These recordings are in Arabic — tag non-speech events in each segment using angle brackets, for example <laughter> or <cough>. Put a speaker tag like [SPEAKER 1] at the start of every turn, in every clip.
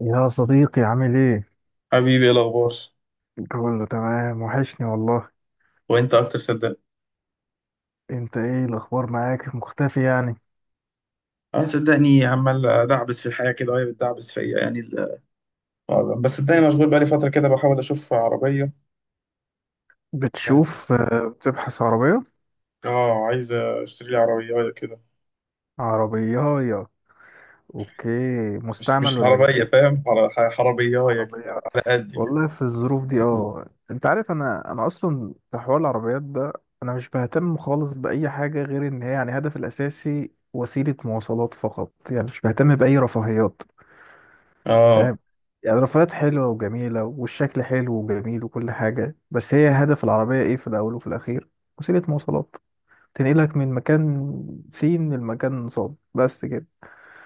[SPEAKER 1] يا صديقي، عامل ايه؟
[SPEAKER 2] حبيبي، ايه الاخبار؟
[SPEAKER 1] كله تمام، وحشني والله.
[SPEAKER 2] وانت اكتر صدقني.
[SPEAKER 1] انت ايه الاخبار؟ معاك مختفي يعني.
[SPEAKER 2] اه صدقني عمال ادعبس في الحياه كده، وهي بتدعبس فيا يعني ال... آه، بس صدقني مشغول بقالي فتره كده بحاول اشوف عربيه. يعني
[SPEAKER 1] بتشوف، بتبحث عربية.
[SPEAKER 2] اه عايز اشتري لي عربيه كده.
[SPEAKER 1] عربية، اوكي.
[SPEAKER 2] مش
[SPEAKER 1] مستعمل
[SPEAKER 2] مش
[SPEAKER 1] ولا
[SPEAKER 2] عربيه،
[SPEAKER 1] جديد؟
[SPEAKER 2] فاهم؟ عربيه كده
[SPEAKER 1] عربية؟
[SPEAKER 2] على قد كده.
[SPEAKER 1] والله في الظروف دي، انت عارف. انا اصلا في حوار العربيات ده، انا مش بهتم خالص باي حاجة غير ان هي يعني هدفي الاساسي وسيلة مواصلات فقط، يعني مش بهتم باي رفاهيات.
[SPEAKER 2] اه
[SPEAKER 1] فاهم؟ يعني الرفاهيات حلوة وجميلة، والشكل حلو وجميل وكل حاجة، بس هي هدف العربية ايه في الأول وفي الأخير؟ وسيلة مواصلات. تنقلك من مكان سين لمكان صاد، بس كده.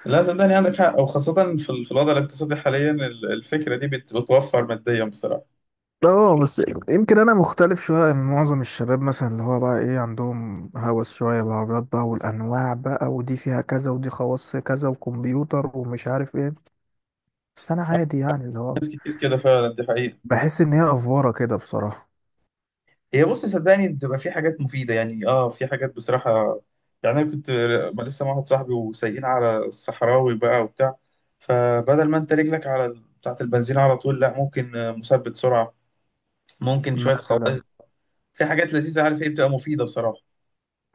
[SPEAKER 2] لا، صدقني عندك حق، وخاصه في الوضع الاقتصادي حاليا الفكره دي بتوفر ماديا بصراحه.
[SPEAKER 1] اه بس، يمكن انا مختلف شويه من معظم الشباب، مثلا اللي هو بقى ايه، عندهم هوس شويه بالعربيات بقى، والانواع بقى، ودي فيها كذا ودي خواص كذا وكمبيوتر ومش عارف ايه. بس انا عادي يعني، اللي هو،
[SPEAKER 2] ناس كتير كده فعلا، دي حقيقه.
[SPEAKER 1] بحس ان هي افوره كده بصراحه.
[SPEAKER 2] هي بص، صدقني بتبقى في حاجات مفيدة يعني. اه في حاجات بصراحة. يعني انا كنت، ما لسه مع واحد صاحبي وسايقين على الصحراوي بقى وبتاع. فبدل ما انت رجلك على بتاعة البنزين على طول، لا، ممكن مثبت سرعة، ممكن شوية
[SPEAKER 1] مثلا،
[SPEAKER 2] خواص. في حاجات لذيذة، عارف ايه، بتبقى مفيدة بصراحة.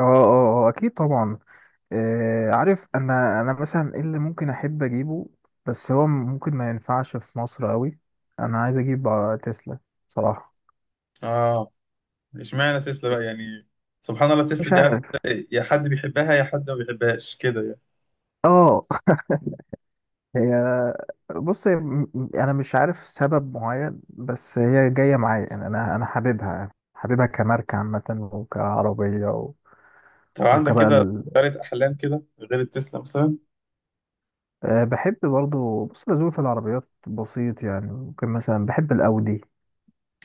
[SPEAKER 1] اه اه اه، اكيد طبعا. عارف، انا مثلا ايه اللي ممكن احب اجيبه، بس هو ممكن ما ينفعش في مصر قوي. انا عايز اجيب تسلا، بصراحة.
[SPEAKER 2] اه اشمعنى تسلا بقى يعني؟ سبحان الله، تسلا
[SPEAKER 1] مش
[SPEAKER 2] دي عارف؟
[SPEAKER 1] عارف،
[SPEAKER 2] إيه؟ يا حد بيحبها يا حد ما بيحبهاش كده يعني.
[SPEAKER 1] اه. <laughs> هي، بص هي، انا مش عارف سبب معين، بس هي جاية معايا يعني. انا حاببها، حاببها كماركة عامة، وكعربية. و...
[SPEAKER 2] طب عندك
[SPEAKER 1] وكبقى
[SPEAKER 2] كده
[SPEAKER 1] ال...
[SPEAKER 2] طيارة احلام كده غير التسلا مثلا؟
[SPEAKER 1] آه، بحب برضو. بص، أنا ذوقي في العربيات بسيط، يعني ممكن مثلا بحب الاودي،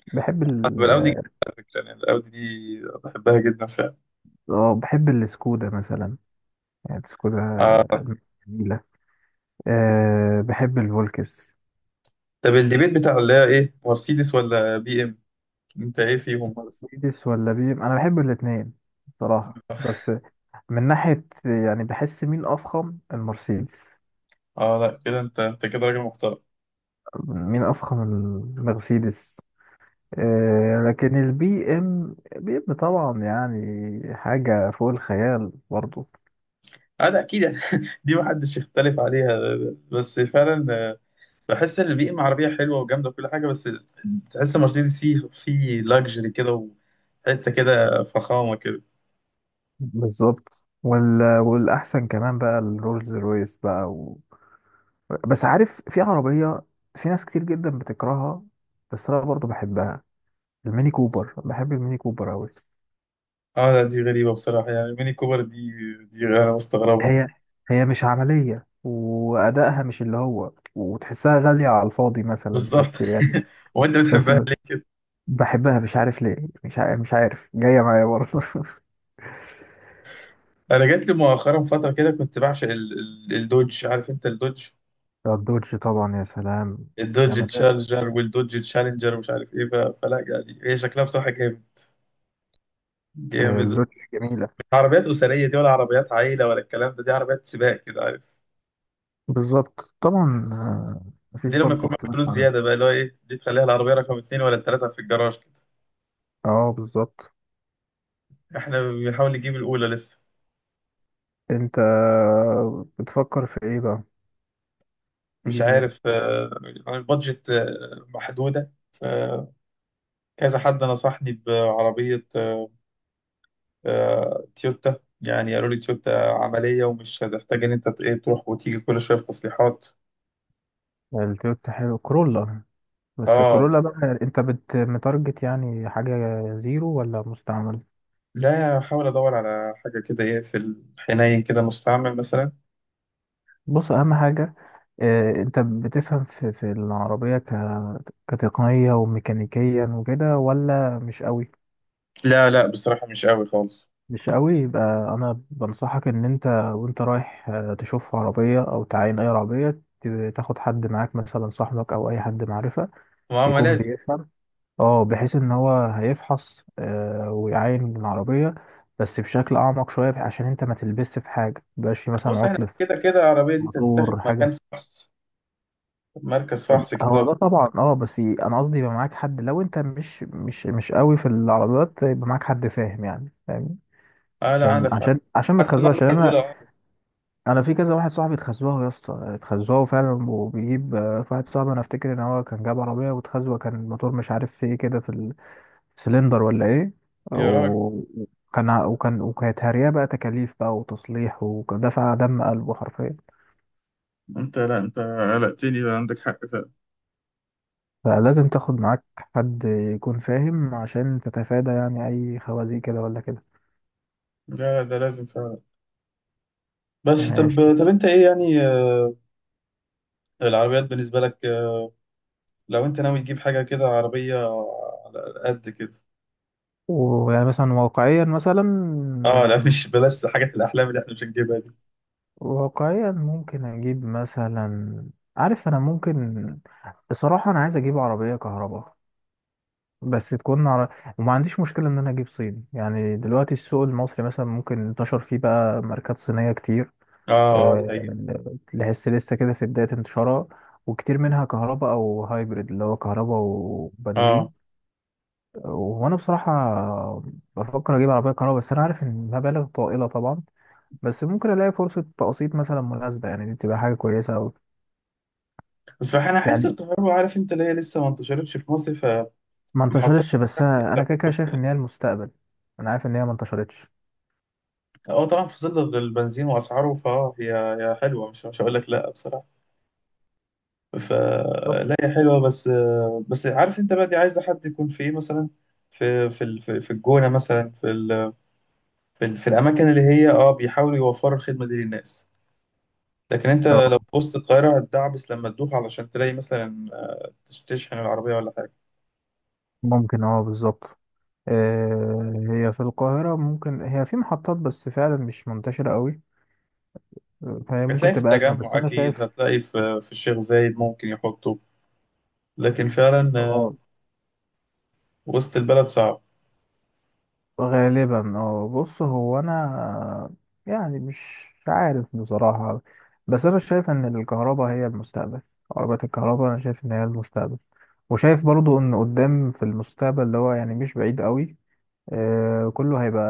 [SPEAKER 1] بحب
[SPEAKER 2] طب
[SPEAKER 1] ال
[SPEAKER 2] الاودي جميلة،
[SPEAKER 1] اه
[SPEAKER 2] على فكرة. يعني الاودي دي بحبها جدا فعلا.
[SPEAKER 1] بحب السكودا مثلا. يعني كلها جميلة. بحب الفولكس.
[SPEAKER 2] طب الديبيت بتاع اللي هي ايه، مرسيدس ولا بي ام؟ انت ايه فيهم؟
[SPEAKER 1] مرسيدس ولا بي ام، انا بحب الاتنين بصراحة. بس من ناحية يعني، بحس مين افخم؟ المرسيدس.
[SPEAKER 2] اه لا كده، انت كده راجل محترم.
[SPEAKER 1] مين افخم؟ المرسيدس. لكن البي ام، بي ام طبعا يعني حاجة فوق الخيال برضو.
[SPEAKER 2] اه، ده اكيد. <laughs> دي محدش يختلف عليها. بس فعلا بحس ان البي ام عربيه حلوه وجامده وكل حاجه، بس تحس مرسيدس فيه لاكجري كده، وحته كده فخامه كده.
[SPEAKER 1] بالظبط. والاحسن كمان بقى الرولز رويس بقى. بس عارف، في عربية في ناس كتير جدا بتكرهها، بس انا برضو بحبها. الميني كوبر. بحب الميني كوبر أوي.
[SPEAKER 2] اه لا، دي غريبه بصراحه يعني. ميني كوبر دي، دي انا مستغربها.
[SPEAKER 1] هي، هي مش عملية، وأدائها مش اللي هو، وتحسها غالية على الفاضي مثلا،
[SPEAKER 2] بالظبط.
[SPEAKER 1] بس يعني.
[SPEAKER 2] <laughs> وانت
[SPEAKER 1] بس
[SPEAKER 2] بتحبها ليه كده؟
[SPEAKER 1] بحبها، مش عارف ليه، مش عارف، مش عارف، جاية معايا برضه. <laughs>
[SPEAKER 2] انا جات لي مؤخرا فتره كده كنت بعشق الدوج. عارف انت الدوج؟
[SPEAKER 1] الدوج طبعا، يا سلام،
[SPEAKER 2] الدوج
[SPEAKER 1] جمالات.
[SPEAKER 2] تشالنجر، والدوج تشالنجر، ومش عارف ايه، فلا يعني هي شكلها بصراحه جامد. جامد بس.
[SPEAKER 1] اللوتش جميلة.
[SPEAKER 2] مش عربيات اسريه دي ولا عربيات عائله ولا الكلام ده. دي عربيات سباق كده، عارف؟
[SPEAKER 1] بالظبط طبعا. مفيش
[SPEAKER 2] دي لما
[SPEAKER 1] برضه
[SPEAKER 2] يكون معاك فلوس
[SPEAKER 1] اختلاف.
[SPEAKER 2] زياده بقى، اللي هو ايه، دي تخليها العربيه رقم اتنين ولا التلاته في الجراج كده.
[SPEAKER 1] اه بالظبط.
[SPEAKER 2] احنا بنحاول نجيب الاولى لسه.
[SPEAKER 1] انت بتفكر في ايه بقى؟
[SPEAKER 2] مش
[SPEAKER 1] تجيب ايه؟
[SPEAKER 2] عارف يعني البادجت محدوده فكذا. حد نصحني بعربيه تويوتا. يعني قالوا لي تويوتا عمليه، ومش هتحتاج ان انت ت- إيه، تروح وتيجي كل شويه في تصليحات.
[SPEAKER 1] التويوتا حلو، كرولا. بس
[SPEAKER 2] اه
[SPEAKER 1] الكورولا بقى، انت بت متارجت يعني حاجة زيرو ولا مستعمل؟
[SPEAKER 2] لا، احاول ادور على حاجه كده، ايه، في الحنين كده مستعمل مثلا.
[SPEAKER 1] بص، اهم حاجة، اه، انت بتفهم في العربية، كتقنية وميكانيكيا وكده، ولا مش قوي؟
[SPEAKER 2] لا لا، بصراحه مش قوي خالص.
[SPEAKER 1] مش قوي؟ يبقى انا بنصحك ان انت، وانت رايح تشوف عربية او تعاين اي عربية، تاخد حد معاك مثلا، صاحبك او اي حد معرفة،
[SPEAKER 2] ما
[SPEAKER 1] يكون
[SPEAKER 2] لازم.
[SPEAKER 1] بيفهم. اه، بحيث ان هو هيفحص، ويعاين من العربية، بس بشكل اعمق شوية، عشان انت ما تلبسش في حاجة، مبقاش في مثلا
[SPEAKER 2] بص، احنا
[SPEAKER 1] عطل في
[SPEAKER 2] كده كده العربيه دي تتاخد
[SPEAKER 1] موتور
[SPEAKER 2] مكان
[SPEAKER 1] حاجة.
[SPEAKER 2] فحص، مركز فحص
[SPEAKER 1] هو
[SPEAKER 2] كده.
[SPEAKER 1] ده طبعا، اه. بس انا قصدي يبقى معاك حد، لو انت مش قوي في العربيات، يبقى معاك حد فاهم يعني، فاهم.
[SPEAKER 2] اه لا،
[SPEAKER 1] عشان
[SPEAKER 2] عندك حق.
[SPEAKER 1] عشان عشان ما
[SPEAKER 2] حتى
[SPEAKER 1] تخزوها،
[SPEAKER 2] النظره
[SPEAKER 1] عشان
[SPEAKER 2] الاولى
[SPEAKER 1] انا،
[SPEAKER 2] اه.
[SPEAKER 1] انا في كذا واحد صاحبي اتخزوها، يا اسطى اتخزوها فعلا. وبيجيب، في واحد صاحبي انا افتكر ان هو كان جاب عربيه واتخزوه، كان الموتور مش عارف في ايه كده، في سلندر ولا ايه.
[SPEAKER 2] يا راجل،
[SPEAKER 1] و- وكان وكانت هارية بقى، تكاليف بقى وتصليح، ودفع دم قلبه حرفيا.
[SPEAKER 2] انت لا انت قلقتني بقى، عندك حق فعلا.
[SPEAKER 1] فلازم تاخد معاك حد يكون فاهم، عشان تتفادى يعني اي خوازيق كده ولا كده.
[SPEAKER 2] لا، ده لازم فعلا. بس طب
[SPEAKER 1] ماشي.
[SPEAKER 2] طب انت ايه يعني العربيات بالنسبه لك لو انت ناوي تجيب حاجه كده عربيه على قد كده؟
[SPEAKER 1] ويعني مثلا واقعيا، مثلا
[SPEAKER 2] اه لا، مش بلاش حاجات الاحلام اللي احنا مش هنجيبها دي.
[SPEAKER 1] واقعيا ممكن اجيب مثلا، عارف انا ممكن، بصراحة انا عايز اجيب عربية كهرباء، بس تكون على، وما عنديش مشكلة ان انا اجيب صيني. يعني دلوقتي السوق المصري مثلا ممكن انتشر فيه بقى ماركات صينية كتير.
[SPEAKER 2] اه، اه، دي
[SPEAKER 1] آه،
[SPEAKER 2] حقيقة.
[SPEAKER 1] لسه لسه كده في بداية انتشارها، وكتير منها كهرباء او هايبريد، اللي هو كهرباء وبنزين.
[SPEAKER 2] اه
[SPEAKER 1] وانا بصراحة بفكر اجيب عربية كهرباء، بس انا عارف ان مبالغ طائلة طبعا، بس ممكن الاقي فرصة تقسيط مثلا مناسبة، يعني دي تبقى حاجة كويسة اوي.
[SPEAKER 2] بس انا حاسس
[SPEAKER 1] يعني
[SPEAKER 2] الكهرباء، عارف انت، اللي هي لسه ما انتشرتش في مصر.
[SPEAKER 1] ما
[SPEAKER 2] فمحطات
[SPEAKER 1] انتشرتش، بس
[SPEAKER 2] الشحن
[SPEAKER 1] انا أنا كده كده شايف ان هي المستقبل. انا عارف ان هي ما انتشرتش.
[SPEAKER 2] اه، طبعا في ظل البنزين واسعاره، فهي هي حلوه، مش هقول لك لا بصراحه.
[SPEAKER 1] بالظبط.
[SPEAKER 2] فلا، هي حلوه بس. بس عارف انت بقى، دي عايزه حد يكون في ايه مثلا، في الجونه مثلا، في الاماكن اللي هي بيحاولوا يوفروا الخدمه دي للناس. لكن انت لو في وسط القاهره هتدعبس لما تدوخ علشان تلاقي مثلا تشحن العربيه ولا حاجه.
[SPEAKER 1] ممكن، اه بالظبط. هي في القاهرة ممكن، هي في محطات، بس فعلا مش منتشرة قوي، فهي ممكن
[SPEAKER 2] هتلاقي في
[SPEAKER 1] تبقى أزمة، بس
[SPEAKER 2] التجمع
[SPEAKER 1] أنا
[SPEAKER 2] أكيد،
[SPEAKER 1] شايف.
[SPEAKER 2] هتلاقي في الشيخ زايد ممكن يحطه. لكن فعلا
[SPEAKER 1] اه،
[SPEAKER 2] وسط البلد صعب.
[SPEAKER 1] غالبا اه. بص هو أنا، يعني مش عارف بصراحة، بس أنا شايف إن الكهرباء هي المستقبل. عربيات الكهرباء أنا شايف إن هي المستقبل، وشايف برضو إن قدام في المستقبل اللي هو يعني مش بعيد قوي، كله هيبقى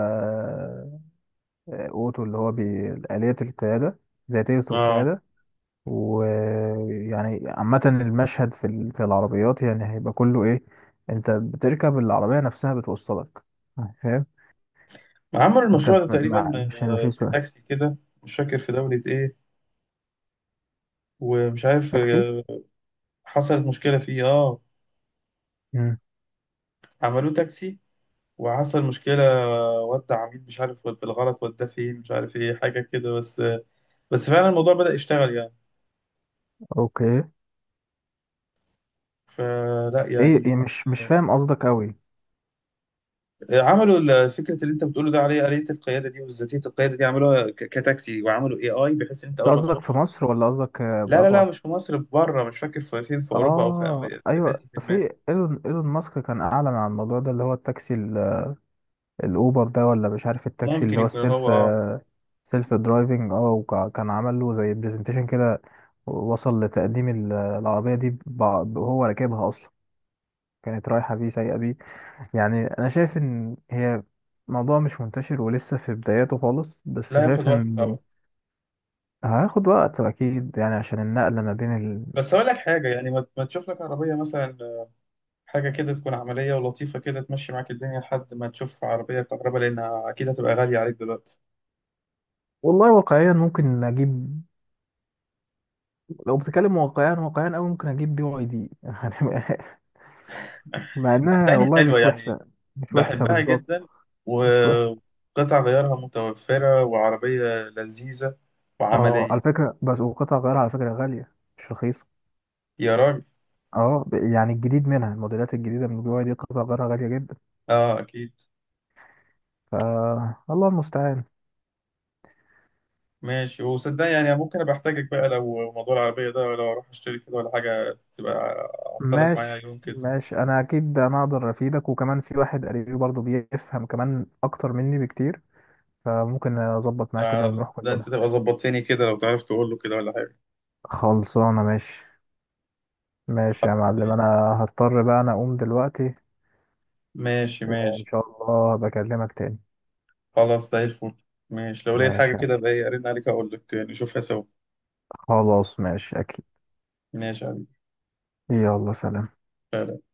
[SPEAKER 1] أوتو، اللي هو بآليات القيادة، ذاتية
[SPEAKER 2] اه.
[SPEAKER 1] القيادة. ويعني عامة المشهد، في العربيات يعني هيبقى كله ايه، انت بتركب العربية نفسها بتوصلك. فاهم؟
[SPEAKER 2] عملوا
[SPEAKER 1] انت
[SPEAKER 2] المشروع
[SPEAKER 1] م-
[SPEAKER 2] ده
[SPEAKER 1] مع
[SPEAKER 2] تقريبا
[SPEAKER 1] مش هيبقى في
[SPEAKER 2] في
[SPEAKER 1] سواق
[SPEAKER 2] تاكسي كده. مش فاكر في دولة إيه، ومش عارف
[SPEAKER 1] تاكسي.
[SPEAKER 2] حصلت مشكلة فيه اه.
[SPEAKER 1] مم.
[SPEAKER 2] عملوه تاكسي، وحصل مشكلة ودع عميل مش عارف بالغلط، وداه فين مش عارف إيه، حاجة كده، بس فعلا الموضوع بدأ يشتغل يعني.
[SPEAKER 1] اوكي.
[SPEAKER 2] فلا
[SPEAKER 1] ايه
[SPEAKER 2] يعني.
[SPEAKER 1] إيه، مش فاهم قصدك قوي انت.
[SPEAKER 2] عملوا فكره اللي انت بتقوله ده، عليه آلية القياده دي وذاتيه القياده دي، عملوها كتاكسي، وعملوا اي بحيث ان انت اول ما
[SPEAKER 1] قصدك في
[SPEAKER 2] تخش.
[SPEAKER 1] مصر ولا قصدك
[SPEAKER 2] لا لا لا،
[SPEAKER 1] بره؟
[SPEAKER 2] مش في مصر، في بره. مش فاكر في فين، في اوروبا او في
[SPEAKER 1] اه
[SPEAKER 2] امريكا، في
[SPEAKER 1] ايوه،
[SPEAKER 2] حته ما.
[SPEAKER 1] في ايلون ماسك كان اعلن عن الموضوع ده، اللي هو التاكسي الاوبر ده، ولا مش عارف، التاكسي
[SPEAKER 2] ممكن
[SPEAKER 1] اللي هو
[SPEAKER 2] يكون هو اه.
[SPEAKER 1] سيلف درايفنج اه وكان عمل له زي برزنتيشن كده، وصل لتقديم العربية دي وهو راكبها أصلا، كانت رايحة بيه، سايقة بيه. يعني أنا شايف إن هي موضوع مش منتشر ولسه في بداياته خالص، بس
[SPEAKER 2] لا، ياخد
[SPEAKER 1] شايف
[SPEAKER 2] وقت
[SPEAKER 1] إنه
[SPEAKER 2] طبعا.
[SPEAKER 1] هياخد وقت أكيد يعني، عشان النقلة ما بين ال...
[SPEAKER 2] بس اقول لك حاجه، يعني ما تشوف لك عربيه مثلا، حاجه كده تكون عمليه ولطيفه كده، تمشي معاك الدنيا لحد ما تشوف عربيه كهرباء، لانها اكيد هتبقى غاليه عليك دلوقتي.
[SPEAKER 1] والله واقعيا ممكن أجيب، لو بتتكلم واقعيا، واقعيا أوي ممكن أجيب BYD، <laughs> يعني.
[SPEAKER 2] <laughs>
[SPEAKER 1] مع إنها
[SPEAKER 2] صدقني
[SPEAKER 1] والله
[SPEAKER 2] حلوه
[SPEAKER 1] مش
[SPEAKER 2] يعني.
[SPEAKER 1] وحشة، مش وحشة
[SPEAKER 2] بحبها
[SPEAKER 1] بالظبط.
[SPEAKER 2] جدا،
[SPEAKER 1] مش وحش.
[SPEAKER 2] وقطع غيارها متوفرة، وعربية لذيذة
[SPEAKER 1] اه على
[SPEAKER 2] وعملية.
[SPEAKER 1] فكرة، بس وقطع غيارها على فكرة غالية، مش رخيصة.
[SPEAKER 2] يا راجل.
[SPEAKER 1] اه، يعني الجديد منها، الموديلات الجديدة من البي واي دي قطع غيارها غالية جدا.
[SPEAKER 2] اه اكيد.
[SPEAKER 1] ف، الله المستعان.
[SPEAKER 2] ماشي، وصدق يعني ممكن ابقى احتاجك بقى، لو موضوع العربية ده لو اروح اشتري كده ولا حاجة، تبقى اعطلك معايا
[SPEAKER 1] ماشي.
[SPEAKER 2] يوم كده.
[SPEAKER 1] ماشي، انا اكيد انا اقدر افيدك، وكمان في واحد قريبي برضه بيفهم كمان اكتر مني بكتير، فممكن اظبط معاك كده ونروح
[SPEAKER 2] ده انت
[SPEAKER 1] كلنا.
[SPEAKER 2] تبقى ظبطتني كده، لو تعرف تقول له كده ولا حاجة.
[SPEAKER 1] خلصانة، ماشي. ماشي
[SPEAKER 2] خلاص،
[SPEAKER 1] يا معلم، انا هضطر بقى انا اقوم دلوقتي.
[SPEAKER 2] ماشي
[SPEAKER 1] وان
[SPEAKER 2] ماشي.
[SPEAKER 1] شاء الله بكلمك تاني.
[SPEAKER 2] خلاص زي الفل. ماشي، لو لقيت حاجة
[SPEAKER 1] ماشي
[SPEAKER 2] كده بقى ارن عليك اقول لك نشوفها سوا.
[SPEAKER 1] خلاص، ماشي اكيد.
[SPEAKER 2] ماشي يا حبيبي.
[SPEAKER 1] يلا، سلام.
[SPEAKER 2] سلام.